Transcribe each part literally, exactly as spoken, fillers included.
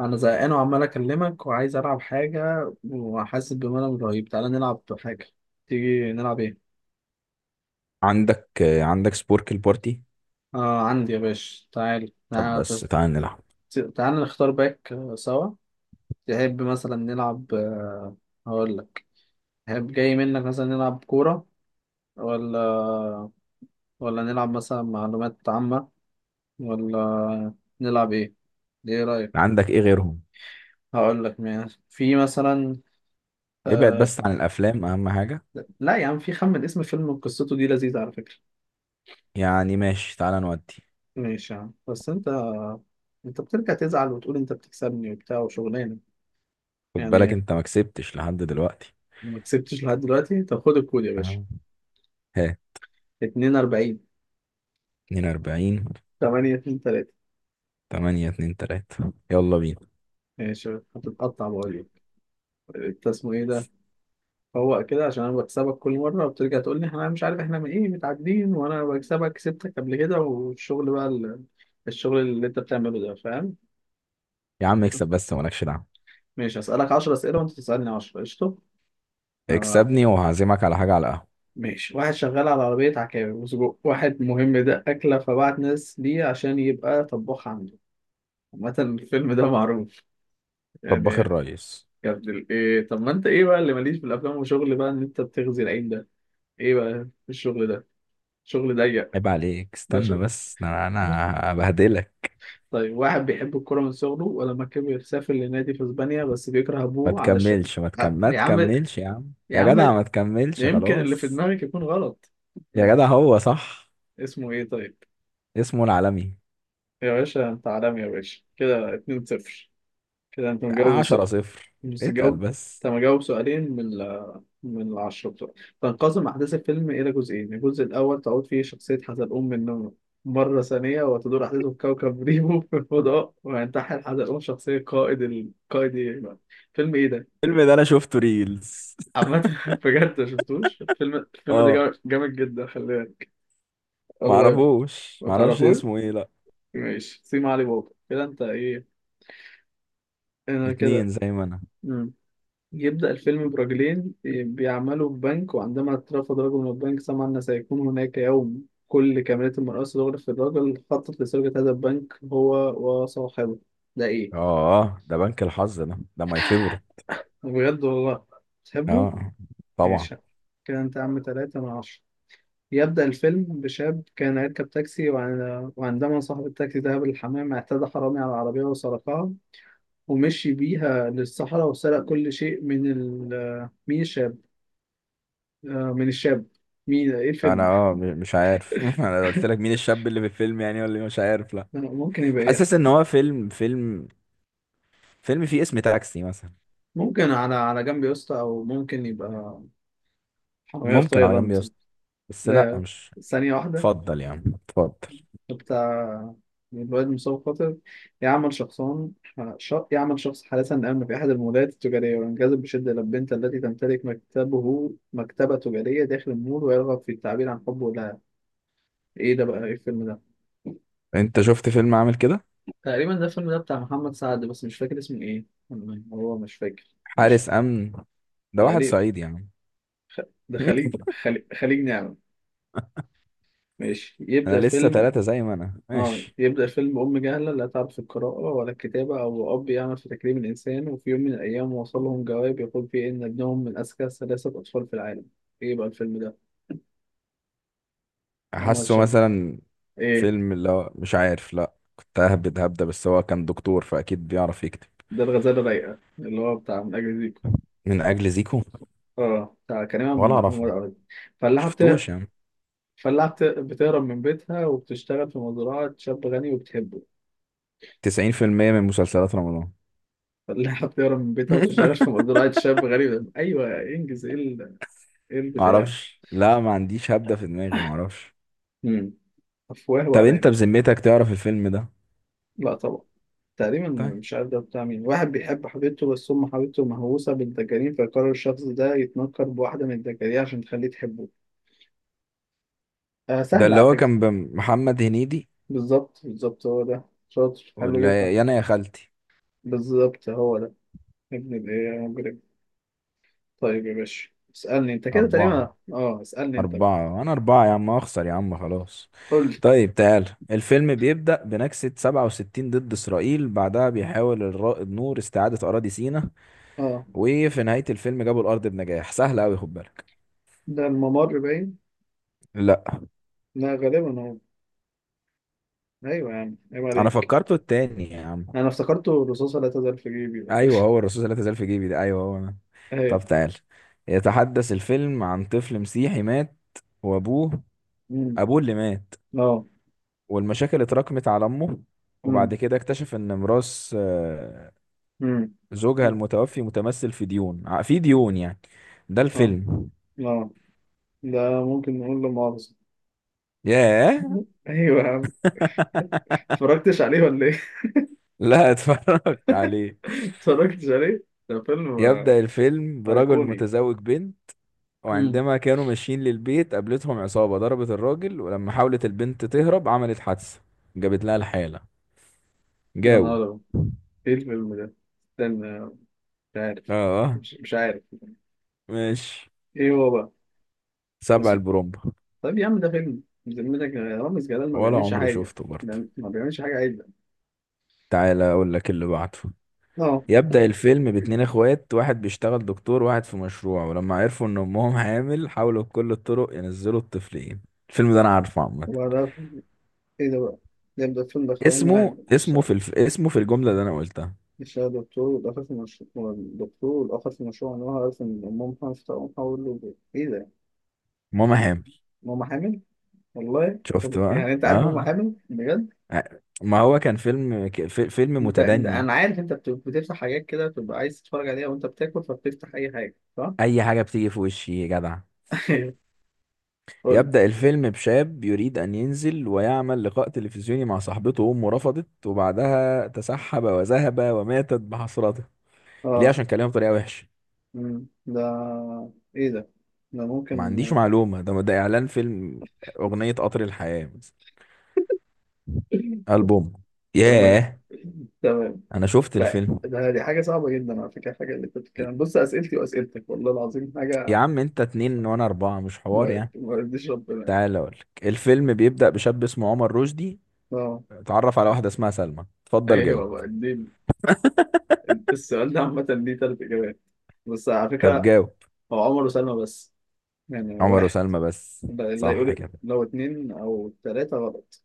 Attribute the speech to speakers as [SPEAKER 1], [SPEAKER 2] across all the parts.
[SPEAKER 1] انا زهقان وعمال اكلمك وعايز العب حاجه وحاسس بملل رهيب. تعالى نلعب حاجه. تيجي نلعب ايه؟
[SPEAKER 2] عندك آه، عندك سبورك البارتي.
[SPEAKER 1] آه عندي يا باشا، تعال
[SPEAKER 2] طب
[SPEAKER 1] تعال.
[SPEAKER 2] بس تعال نلعب.
[SPEAKER 1] تعال نختار باك آه، سوا. تحب مثلا نلعب آه، هقول لك. تحب جاي منك مثلا نلعب كوره، ولا ولا نلعب مثلا معلومات عامه، ولا نلعب ايه؟ ايه رايك؟
[SPEAKER 2] عندك ايه غيرهم؟
[SPEAKER 1] هقول لك ماشي، في مثلا
[SPEAKER 2] ابعد
[SPEAKER 1] آه...
[SPEAKER 2] بس عن الافلام اهم حاجة.
[SPEAKER 1] لا يا عم، في خمن اسم فيلم قصته دي لذيذه على فكره.
[SPEAKER 2] يعني ماشي تعال نودي.
[SPEAKER 1] ماشي يا عم، بس انت انت بترجع تزعل وتقول انت بتكسبني وبتاع وشغلانه.
[SPEAKER 2] خد بالك
[SPEAKER 1] يعني
[SPEAKER 2] انت ما كسبتش لحد دلوقتي.
[SPEAKER 1] ما كسبتش لحد دلوقتي؟ طب خد الكود يا باشا،
[SPEAKER 2] تمام. ها؟
[SPEAKER 1] اتنين وأربعين
[SPEAKER 2] اتنين واربعين.
[SPEAKER 1] تمانية اتنين تلاتة.
[SPEAKER 2] تمانية اتنين تلاتة. يلا بينا.
[SPEAKER 1] ماشي. هتتقطع بقول لك. انت اسمه ايه ده؟ فوق كده، عشان انا بكسبك كل مره وبترجع تقول لي احنا مش عارف احنا من ايه متعادلين، وانا بكسبك، كسبتك قبل كده، والشغل بقى ال... الشغل اللي انت بتعمله ده، فاهم؟
[SPEAKER 2] يا عم اكسب بس مالكش دعوة.
[SPEAKER 1] ماشي هسألك عشرة اسئله وانت تسألني عشرة، قشطه. آه،
[SPEAKER 2] اكسبني وهعزمك على حاجة، على القهوة.
[SPEAKER 1] ماشي. واحد شغال على عربية عكاوي وسجق، واحد مهم، ده أكلة، فبعت ناس ليه عشان يبقى طباخ عنده. عامة الفيلم ده معروف يعني.
[SPEAKER 2] طباخ الريس.
[SPEAKER 1] يا ابن ال- إيه؟ طب ما أنت إيه بقى اللي ماليش في الأفلام وشغل بقى إن أنت بتغذي العين ده؟ إيه بقى الشغل ده؟ شغل ضيق.
[SPEAKER 2] عيب عليك،
[SPEAKER 1] ده
[SPEAKER 2] استنى
[SPEAKER 1] شغل.
[SPEAKER 2] بس، ده انا أنا هبهدلك.
[SPEAKER 1] طيب، واحد بيحب الكورة من صغره، ولما كبر سافر لنادي في إسبانيا، بس بيكره
[SPEAKER 2] ما
[SPEAKER 1] أبوه علشان
[SPEAKER 2] تكملش ما
[SPEAKER 1] ع-
[SPEAKER 2] تكم... ما
[SPEAKER 1] يا عم،
[SPEAKER 2] تكملش يا عم،
[SPEAKER 1] يا
[SPEAKER 2] يا
[SPEAKER 1] عم،
[SPEAKER 2] جدع ما تكملش
[SPEAKER 1] يمكن اللي في
[SPEAKER 2] خلاص.
[SPEAKER 1] دماغك يكون غلط.
[SPEAKER 2] يا جدع هو صح.
[SPEAKER 1] اسمه إيه طيب؟
[SPEAKER 2] اسمه العالمي.
[SPEAKER 1] يا باشا أنت عالمي يا باشا، كده اتنين لا شيء. كده انت مجاوب
[SPEAKER 2] عشرة
[SPEAKER 1] سؤال.
[SPEAKER 2] صفر.
[SPEAKER 1] بس
[SPEAKER 2] اتقل
[SPEAKER 1] تجاوب،
[SPEAKER 2] بس.
[SPEAKER 1] انت مجاوب سؤالين من ال من العشرة بتوع. تنقسم أحداث الفيلم إلى جزئين، الجزء الأول تعود فيه شخصية حزلقوم من النوم مرة ثانية، وتدور أحداثه في كوكب ريمو في الفضاء، وينتحل حزلقوم شخصية قائد، القائد إيه؟ فيلم إيه ده؟
[SPEAKER 2] الفيلم ده انا شفته ريلز.
[SPEAKER 1] عامة بجد ما شفتوش الفيلم، الفيلم ده
[SPEAKER 2] اه.
[SPEAKER 1] جامد جامد جدا، خلي بالك. الله يرحمه.
[SPEAKER 2] معرفوش
[SPEAKER 1] ما
[SPEAKER 2] معرفش
[SPEAKER 1] تعرفوش؟
[SPEAKER 2] اسمه ايه، لا.
[SPEAKER 1] ماشي، سيما علي بابا كده أنت إيه؟ أنا
[SPEAKER 2] اتنين
[SPEAKER 1] كده.
[SPEAKER 2] زي ما انا.
[SPEAKER 1] يبدأ الفيلم برجلين بيعملوا في بنك، وعندما اترفض رجل من البنك، سمع أن سيكون هناك يوم كل كاميرات المرأة تغرف في الرجل، خطط لسرقة هذا البنك هو وصاحبه. ده إيه؟
[SPEAKER 2] اه ده بنك الحظ، ده ده ماي فيفورت.
[SPEAKER 1] بجد والله؟ تحبه؟
[SPEAKER 2] اه طبعا.
[SPEAKER 1] ماشي. كده أنت عم تلاتة من عشرة. يبدأ الفيلم بشاب كان يركب تاكسي، وعن- وعندما صاحب التاكسي ذهب للحمام، اعتدى حرامي على العربية وسرقها ومشي بيها للصحراء، وسرق كل شيء من ال من الشاب، آه، من الشاب. مين ايه الفيلم؟
[SPEAKER 2] انا اه م- مش عارف. انا قلت لك مين الشاب اللي في الفيلم يعني ولا إيه؟ مش عارف، لا.
[SPEAKER 1] ممكن يبقى ايه؟
[SPEAKER 2] حاسس ان هو فيلم، فيلم فيلم فيه اسم تاكسي مثلا.
[SPEAKER 1] ممكن على على جنب يا اسطى، او ممكن يبقى حرامية في
[SPEAKER 2] ممكن على جنب يا
[SPEAKER 1] تايلاند.
[SPEAKER 2] اسطى. بس لا
[SPEAKER 1] ده
[SPEAKER 2] مش.
[SPEAKER 1] ثانية واحدة.
[SPEAKER 2] اتفضل يا عم، اتفضل اتفضل.
[SPEAKER 1] بتاع الواد مصاب خاطر، يعمل شخصان، ش... يعمل شخص حالة آمنة في أحد المولات التجارية، وينجذب بشدة إلى البنت التي تمتلك مكتبه مكتبة تجارية داخل المول، ويرغب في التعبير عن حبه لها. إيه ده بقى؟ إيه الفيلم ده؟
[SPEAKER 2] انت شفت فيلم عامل كده؟
[SPEAKER 1] تقريبا ده الفيلم ده بتاع محمد سعد، بس مش فاكر اسمه إيه. والله هو مش فاكر، مش
[SPEAKER 2] حارس امن. ده واحد
[SPEAKER 1] تقريبا.
[SPEAKER 2] صعيدي يعني.
[SPEAKER 1] خ- ده خليج، خليج، خليج نعمة. ماشي
[SPEAKER 2] انا
[SPEAKER 1] يبدأ
[SPEAKER 2] لسه
[SPEAKER 1] فيلم.
[SPEAKER 2] ثلاثة زي ما انا
[SPEAKER 1] اه،
[SPEAKER 2] ماشي.
[SPEAKER 1] يبدأ فيلم أم جهلة لا تعرف القراءة ولا الكتابة، أو أب يعمل في تكريم الإنسان، وفي يوم من الأيام وصل لهم جواب يقول فيه إن ابنهم من أذكى ثلاثة أطفال في العالم. إيه بقى الفيلم ده؟ أنور
[SPEAKER 2] حاسه
[SPEAKER 1] الشام.
[SPEAKER 2] مثلا
[SPEAKER 1] إيه؟
[SPEAKER 2] فيلم اللي هو مش عارف، لا كنت ههبد هبدة، بس هو كان دكتور فاكيد بيعرف يكتب.
[SPEAKER 1] ده الغزالة الرايقة اللي هو بتاع من أجل زيكو.
[SPEAKER 2] من اجل زيكو.
[SPEAKER 1] اه بتاع كريم عبد
[SPEAKER 2] ولا
[SPEAKER 1] محمود
[SPEAKER 2] اعرفه.
[SPEAKER 1] عوض. فلاحة بت...
[SPEAKER 2] شفتوش يعني؟
[SPEAKER 1] فلاحة بت... بتهرب من بيتها وبتشتغل في مزرعة شاب غني وبتحبه.
[SPEAKER 2] تسعين في المية من مسلسلات رمضان.
[SPEAKER 1] فلاحة بتهرب من بيتها وبتشتغل في مزرعة شاب غني، أيوه إنجز إيه ال- إيه البتاع؟
[SPEAKER 2] معرفش لا، ما عنديش هبدة في دماغي، معرفش.
[SPEAKER 1] مم. أفواه
[SPEAKER 2] طب انت
[SPEAKER 1] وأرانب.
[SPEAKER 2] بذمتك تعرف الفيلم ده؟
[SPEAKER 1] لا طبعا. تقريبا
[SPEAKER 2] طيب.
[SPEAKER 1] مش عارف ده بتاع مين. واحد بيحب حبيبته، بس أم حبيبته مهووسة بالدجالين، فيقرر الشخص ده يتنكر بواحدة من الدجالين عشان تخليه تحبه. آه
[SPEAKER 2] ده
[SPEAKER 1] سهل
[SPEAKER 2] اللي
[SPEAKER 1] على
[SPEAKER 2] هو
[SPEAKER 1] فكرة.
[SPEAKER 2] كان بمحمد هنيدي؟
[SPEAKER 1] بالظبط بالظبط هو ده، شاطر، حلو جدا.
[SPEAKER 2] ولا يانا يا خالتي.
[SPEAKER 1] بالظبط هو ده. ابن الإيه يا مجرم. طيب يا باشا، اسألني أنت كده،
[SPEAKER 2] أربعة.
[SPEAKER 1] تقريبا أه اسألني أنت بقى.
[SPEAKER 2] أربعة أنا أربعة يا عم، أخسر يا عم، خلاص.
[SPEAKER 1] قول لي.
[SPEAKER 2] طيب تعال. الفيلم بيبدأ بنكسة سبعة وستين ضد إسرائيل، بعدها بيحاول الرائد نور استعادة أراضي سيناء،
[SPEAKER 1] أه،
[SPEAKER 2] وفي نهاية الفيلم جابوا الأرض بنجاح. سهل أوي، خد بالك.
[SPEAKER 1] ده الممر باين.
[SPEAKER 2] لا،
[SPEAKER 1] لا، غالبا هو. أيوه يا عم عيب
[SPEAKER 2] أنا
[SPEAKER 1] عليك.
[SPEAKER 2] فكرته التاني يا عم.
[SPEAKER 1] أنا افتكرته الرصاصة لا تزال في جيبي.
[SPEAKER 2] أيوه هو الرصاص لا تزال في جيبي ده، أيوه هو، أنا.
[SPEAKER 1] أيوه.
[SPEAKER 2] طب تعال. يتحدث الفيلم عن طفل مسيحي مات وأبوه
[SPEAKER 1] أمم.
[SPEAKER 2] أبوه اللي مات،
[SPEAKER 1] أه.
[SPEAKER 2] والمشاكل اتراكمت على أمه، وبعد كده اكتشف إن ميراث آه،
[SPEAKER 1] مم.
[SPEAKER 2] زوجها
[SPEAKER 1] مم.
[SPEAKER 2] المتوفي متمثل في ديون ع- في ديون يعني. ده
[SPEAKER 1] اه.
[SPEAKER 2] الفيلم.
[SPEAKER 1] اه. ده ممكن نقول له مؤاخذة.
[SPEAKER 2] ياه.
[SPEAKER 1] ايوه يا عم. اتفرجتش عليه ولا ايه؟
[SPEAKER 2] لا، اتفرجت عليه.
[SPEAKER 1] اتفرجتش عليه؟ ده فيلم آه،
[SPEAKER 2] يبدأ الفيلم برجل
[SPEAKER 1] ايقوني.
[SPEAKER 2] متزوج بنت،
[SPEAKER 1] مم.
[SPEAKER 2] وعندما كانوا ماشيين للبيت قابلتهم عصابة، ضربت الراجل، ولما حاولت البنت تهرب عملت حادثة، جابت لها الحالة.
[SPEAKER 1] يا
[SPEAKER 2] جاوب.
[SPEAKER 1] نهار أبيض. ايه الفيلم ده؟ استنى. مش عارف.
[SPEAKER 2] اه.
[SPEAKER 1] مش, مش عارف.
[SPEAKER 2] ماشي.
[SPEAKER 1] ايه هو بقى؟
[SPEAKER 2] سبع
[SPEAKER 1] اسمه.
[SPEAKER 2] البرومبا.
[SPEAKER 1] طيب يا عم، ده فيلم بذمتك؟ يا رامز جلال ما
[SPEAKER 2] ولا
[SPEAKER 1] بيعملش
[SPEAKER 2] عمري
[SPEAKER 1] حاجة،
[SPEAKER 2] شفته
[SPEAKER 1] ده
[SPEAKER 2] برضه.
[SPEAKER 1] ما بيعملش حاجة عدلة.
[SPEAKER 2] تعالى اقول لك اللي بعده.
[SPEAKER 1] اه.
[SPEAKER 2] يبدأ الفيلم باتنين اخوات، واحد بيشتغل دكتور وواحد في مشروع، ولما عرفوا ان امهم حامل حاولوا بكل الطرق ينزلوا الطفلين. الفيلم ده انا عارفه عامة.
[SPEAKER 1] وبعدها. ايه ده بقى؟ ده ده فيلم ده خوانين
[SPEAKER 2] اسمه
[SPEAKER 1] واحد.
[SPEAKER 2] اسمه في الف... اسمه في الجملة اللي انا قلتها.
[SPEAKER 1] يشتغل دكتور والآخر في مشروع، والدكتور والآخر في مشروع، إن هو عارف إن أمهم حامل، فأقوم أقول له إيه؟ إيه ده؟
[SPEAKER 2] ماما حامل.
[SPEAKER 1] ماما حامل؟ والله طب
[SPEAKER 2] شفت بقى؟
[SPEAKER 1] يعني أنت عارف ماما
[SPEAKER 2] اه.
[SPEAKER 1] حامل؟ بجد؟
[SPEAKER 2] آه. ما هو كان فيلم ك- في- فيلم
[SPEAKER 1] أنت أنت-
[SPEAKER 2] متدني.
[SPEAKER 1] أنا عارف، أنت بت- بتفتح حاجات كده بتبقى عايز تتفرج عليها وأنت بتاكل، فبتفتح أي حاجة، صح؟
[SPEAKER 2] اي حاجة بتيجي في وشي يا جدع.
[SPEAKER 1] قول.
[SPEAKER 2] يبدأ الفيلم بشاب يريد أن ينزل ويعمل لقاء تلفزيوني مع صاحبته، وأمه رفضت، وبعدها تسحب وذهب وماتت بحسرته. ليه؟
[SPEAKER 1] أه.
[SPEAKER 2] عشان كلمه بطريقة وحشة.
[SPEAKER 1] أمم، ده إيه ده؟ ده
[SPEAKER 2] ما
[SPEAKER 1] ممكن.
[SPEAKER 2] عنديش معلومة، ده ده إعلان فيلم. أغنية قطر الحياة مثلا. ألبوم.
[SPEAKER 1] تمام.
[SPEAKER 2] ياه.
[SPEAKER 1] تمام.
[SPEAKER 2] أنا شفت
[SPEAKER 1] ده
[SPEAKER 2] الفيلم.
[SPEAKER 1] ده دي حاجة صعبة جدا على فكرة، الحاجة اللي أنت بتتكلم، بص أسئلتي وأسئلتك والله العظيم
[SPEAKER 2] يا
[SPEAKER 1] حاجة
[SPEAKER 2] عم أنت اتنين وأنا أربعة مش حوار
[SPEAKER 1] ما
[SPEAKER 2] يعني.
[SPEAKER 1] ما يرضيش ربنا يعني.
[SPEAKER 2] تعال أقولك. الفيلم بيبدأ بشاب اسمه عمر رشدي،
[SPEAKER 1] أه.
[SPEAKER 2] اتعرف على واحدة اسمها سلمى. اتفضل
[SPEAKER 1] ايوه
[SPEAKER 2] جاوب.
[SPEAKER 1] بقى دي. السؤال ده عامة ليه تلات اجابات، بس على
[SPEAKER 2] طب
[SPEAKER 1] فكرة.
[SPEAKER 2] جاوب.
[SPEAKER 1] هو عمر وسلمى بس، يعني
[SPEAKER 2] عمر
[SPEAKER 1] واحد.
[SPEAKER 2] وسلمى بس.
[SPEAKER 1] ده اللي
[SPEAKER 2] صح
[SPEAKER 1] هيقول
[SPEAKER 2] كده.
[SPEAKER 1] لو اتنين او تلاتة غلط.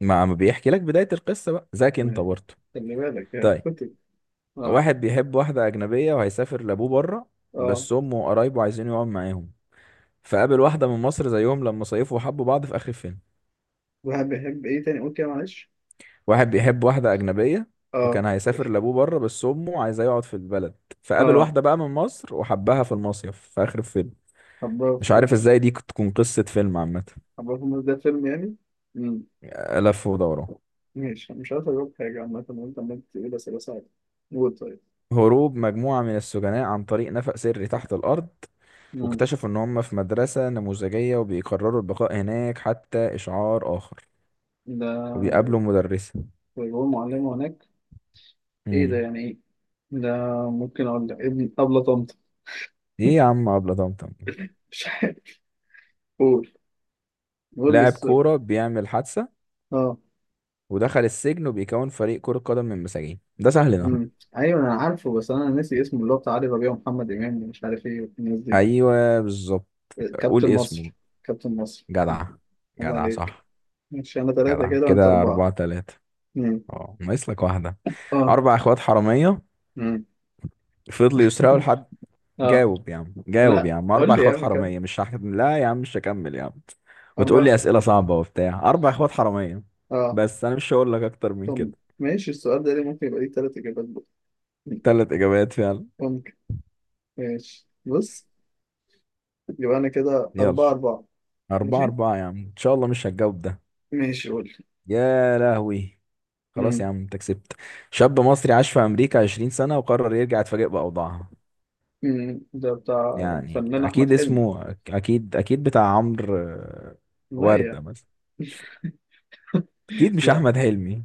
[SPEAKER 2] ما ما بيحكي لك بداية القصة بقى ذاك أنت
[SPEAKER 1] يعني
[SPEAKER 2] برضه.
[SPEAKER 1] خلي بالك يعني،
[SPEAKER 2] طيب.
[SPEAKER 1] فكر. اه.
[SPEAKER 2] واحد بيحب واحدة أجنبية وهيسافر لأبوه بره،
[SPEAKER 1] اه.
[SPEAKER 2] بس أمه وقرايبه عايزين يقعد معاهم، فقابل واحدة من مصر زيهم لما صيفوا وحبوا بعض في آخر الفيلم.
[SPEAKER 1] واحد بيحب ايه تاني؟ قول كده معلش.
[SPEAKER 2] واحد بيحب واحدة أجنبية،
[SPEAKER 1] اه.
[SPEAKER 2] وكان هيسافر لأبوه بره، بس أمه عايزاه يقعد في البلد، فقابل
[SPEAKER 1] اه
[SPEAKER 2] واحدة بقى من مصر وحبها في المصيف في آخر الفيلم.
[SPEAKER 1] حباه
[SPEAKER 2] مش
[SPEAKER 1] في،
[SPEAKER 2] عارف إزاي دي تكون قصة فيلم عامة.
[SPEAKER 1] حباه في الناس، ده فيلم يعني؟ امم.
[SPEAKER 2] لف ودوران.
[SPEAKER 1] ماشي، أنا مش عارف اجاوب حاجة عامة وانت عمال تقول اسئلة صعبة. قول طيب.
[SPEAKER 2] هروب مجموعة من السجناء عن طريق نفق سري تحت الأرض،
[SPEAKER 1] امم.
[SPEAKER 2] واكتشفوا إن هم في مدرسة نموذجية، وبيقرروا البقاء هناك حتى إشعار آخر،
[SPEAKER 1] ده
[SPEAKER 2] وبيقابلوا مدرسة.
[SPEAKER 1] ويقول معلمة هناك. ايه ده؟
[SPEAKER 2] مم.
[SPEAKER 1] يعني ايه ده؟ ممكن اقول لك ابن ابلة طنط.
[SPEAKER 2] إيه يا عم أبلة طمطم.
[SPEAKER 1] مش عارف. قول. قول لي
[SPEAKER 2] لاعب
[SPEAKER 1] السؤال.
[SPEAKER 2] كورة بيعمل حادثة
[SPEAKER 1] اه.
[SPEAKER 2] ودخل السجن، وبيكون فريق كرة قدم من مساجين. ده سهل ده.
[SPEAKER 1] امم. ايوه انا عارفه، بس انا ناسي اسمه، اللي هو بتاع علي ربيع ومحمد امام، مش عارف ايه والناس دي.
[SPEAKER 2] ايوه بالظبط. قول
[SPEAKER 1] كابتن
[SPEAKER 2] اسمه.
[SPEAKER 1] مصر. كابتن مصر.
[SPEAKER 2] جدع.
[SPEAKER 1] الله
[SPEAKER 2] جدع
[SPEAKER 1] عليك.
[SPEAKER 2] صح.
[SPEAKER 1] مش انا ثلاثه
[SPEAKER 2] جدع
[SPEAKER 1] كده وانت
[SPEAKER 2] كده،
[SPEAKER 1] اربعه؟
[SPEAKER 2] أربعة تلاتة.
[SPEAKER 1] امم.
[SPEAKER 2] اه ناقص لك واحدة.
[SPEAKER 1] اه.
[SPEAKER 2] أربع إخوات حرامية
[SPEAKER 1] امم.
[SPEAKER 2] فضلوا يسرقوا لحد.
[SPEAKER 1] اه.
[SPEAKER 2] جاوب يا عم، جاوب
[SPEAKER 1] لا
[SPEAKER 2] يا عم، أربع
[SPEAKER 1] قول لي يا
[SPEAKER 2] إخوات
[SPEAKER 1] عم كام؟
[SPEAKER 2] حرامية، مش هحكم لا يا عم، مش هكمل يا عم. وتقول
[SPEAKER 1] اربعه
[SPEAKER 2] لي
[SPEAKER 1] خ...
[SPEAKER 2] أسئلة صعبة وبتاع، أربع إخوات حرامية.
[SPEAKER 1] اه.
[SPEAKER 2] بس أنا مش هقول لك أكتر من كده.
[SPEAKER 1] طب ماشي، السؤال ده ليه ممكن يبقى ليه ثلاث اجابات بقى. مم.
[SPEAKER 2] تلات إجابات فعلا.
[SPEAKER 1] ممكن. ماشي بص، يبقى انا كده
[SPEAKER 2] يلا.
[SPEAKER 1] اربعه اربعه.
[SPEAKER 2] أربعة
[SPEAKER 1] ماشي.
[SPEAKER 2] أربعة يا عم، إن شاء الله مش هتجاوب ده.
[SPEAKER 1] ماشي قول لي.
[SPEAKER 2] يا لهوي. خلاص يا
[SPEAKER 1] امم.
[SPEAKER 2] عم انت كسبت. شاب مصري عاش في امريكا 20 سنة وقرر يرجع، يتفاجئ باوضاعها.
[SPEAKER 1] امم، ده بتاع
[SPEAKER 2] يعني
[SPEAKER 1] الفنان
[SPEAKER 2] اكيد
[SPEAKER 1] احمد حلمي.
[SPEAKER 2] اسمه، اكيد اكيد بتاع عمرو آه،
[SPEAKER 1] لا. يا
[SPEAKER 2] وردة مثلا. اكيد مش
[SPEAKER 1] لا
[SPEAKER 2] احمد حلمي.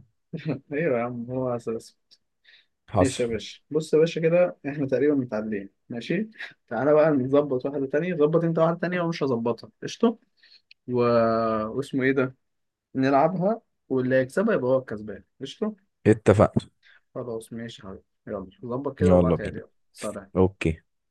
[SPEAKER 1] ايوه يا عم هو اساس. ماشي
[SPEAKER 2] حصل.
[SPEAKER 1] يا باشا، بص يا باشا، كده احنا تقريبا متعادلين، ماشي. تعالى بقى نظبط واحده تانية، ظبط انت واحده تانية ومش هظبطها، قشطه. و... واسمه ايه ده؟ نلعبها، واللي هيكسبها يبقى هو الكسبان، قشطه.
[SPEAKER 2] اتفقنا.
[SPEAKER 1] خلاص ماشي يا حبيبي، يلا ظبط كده
[SPEAKER 2] يلا
[SPEAKER 1] وابعتها لي،
[SPEAKER 2] بينا.
[SPEAKER 1] يلا سلام.
[SPEAKER 2] اوكي.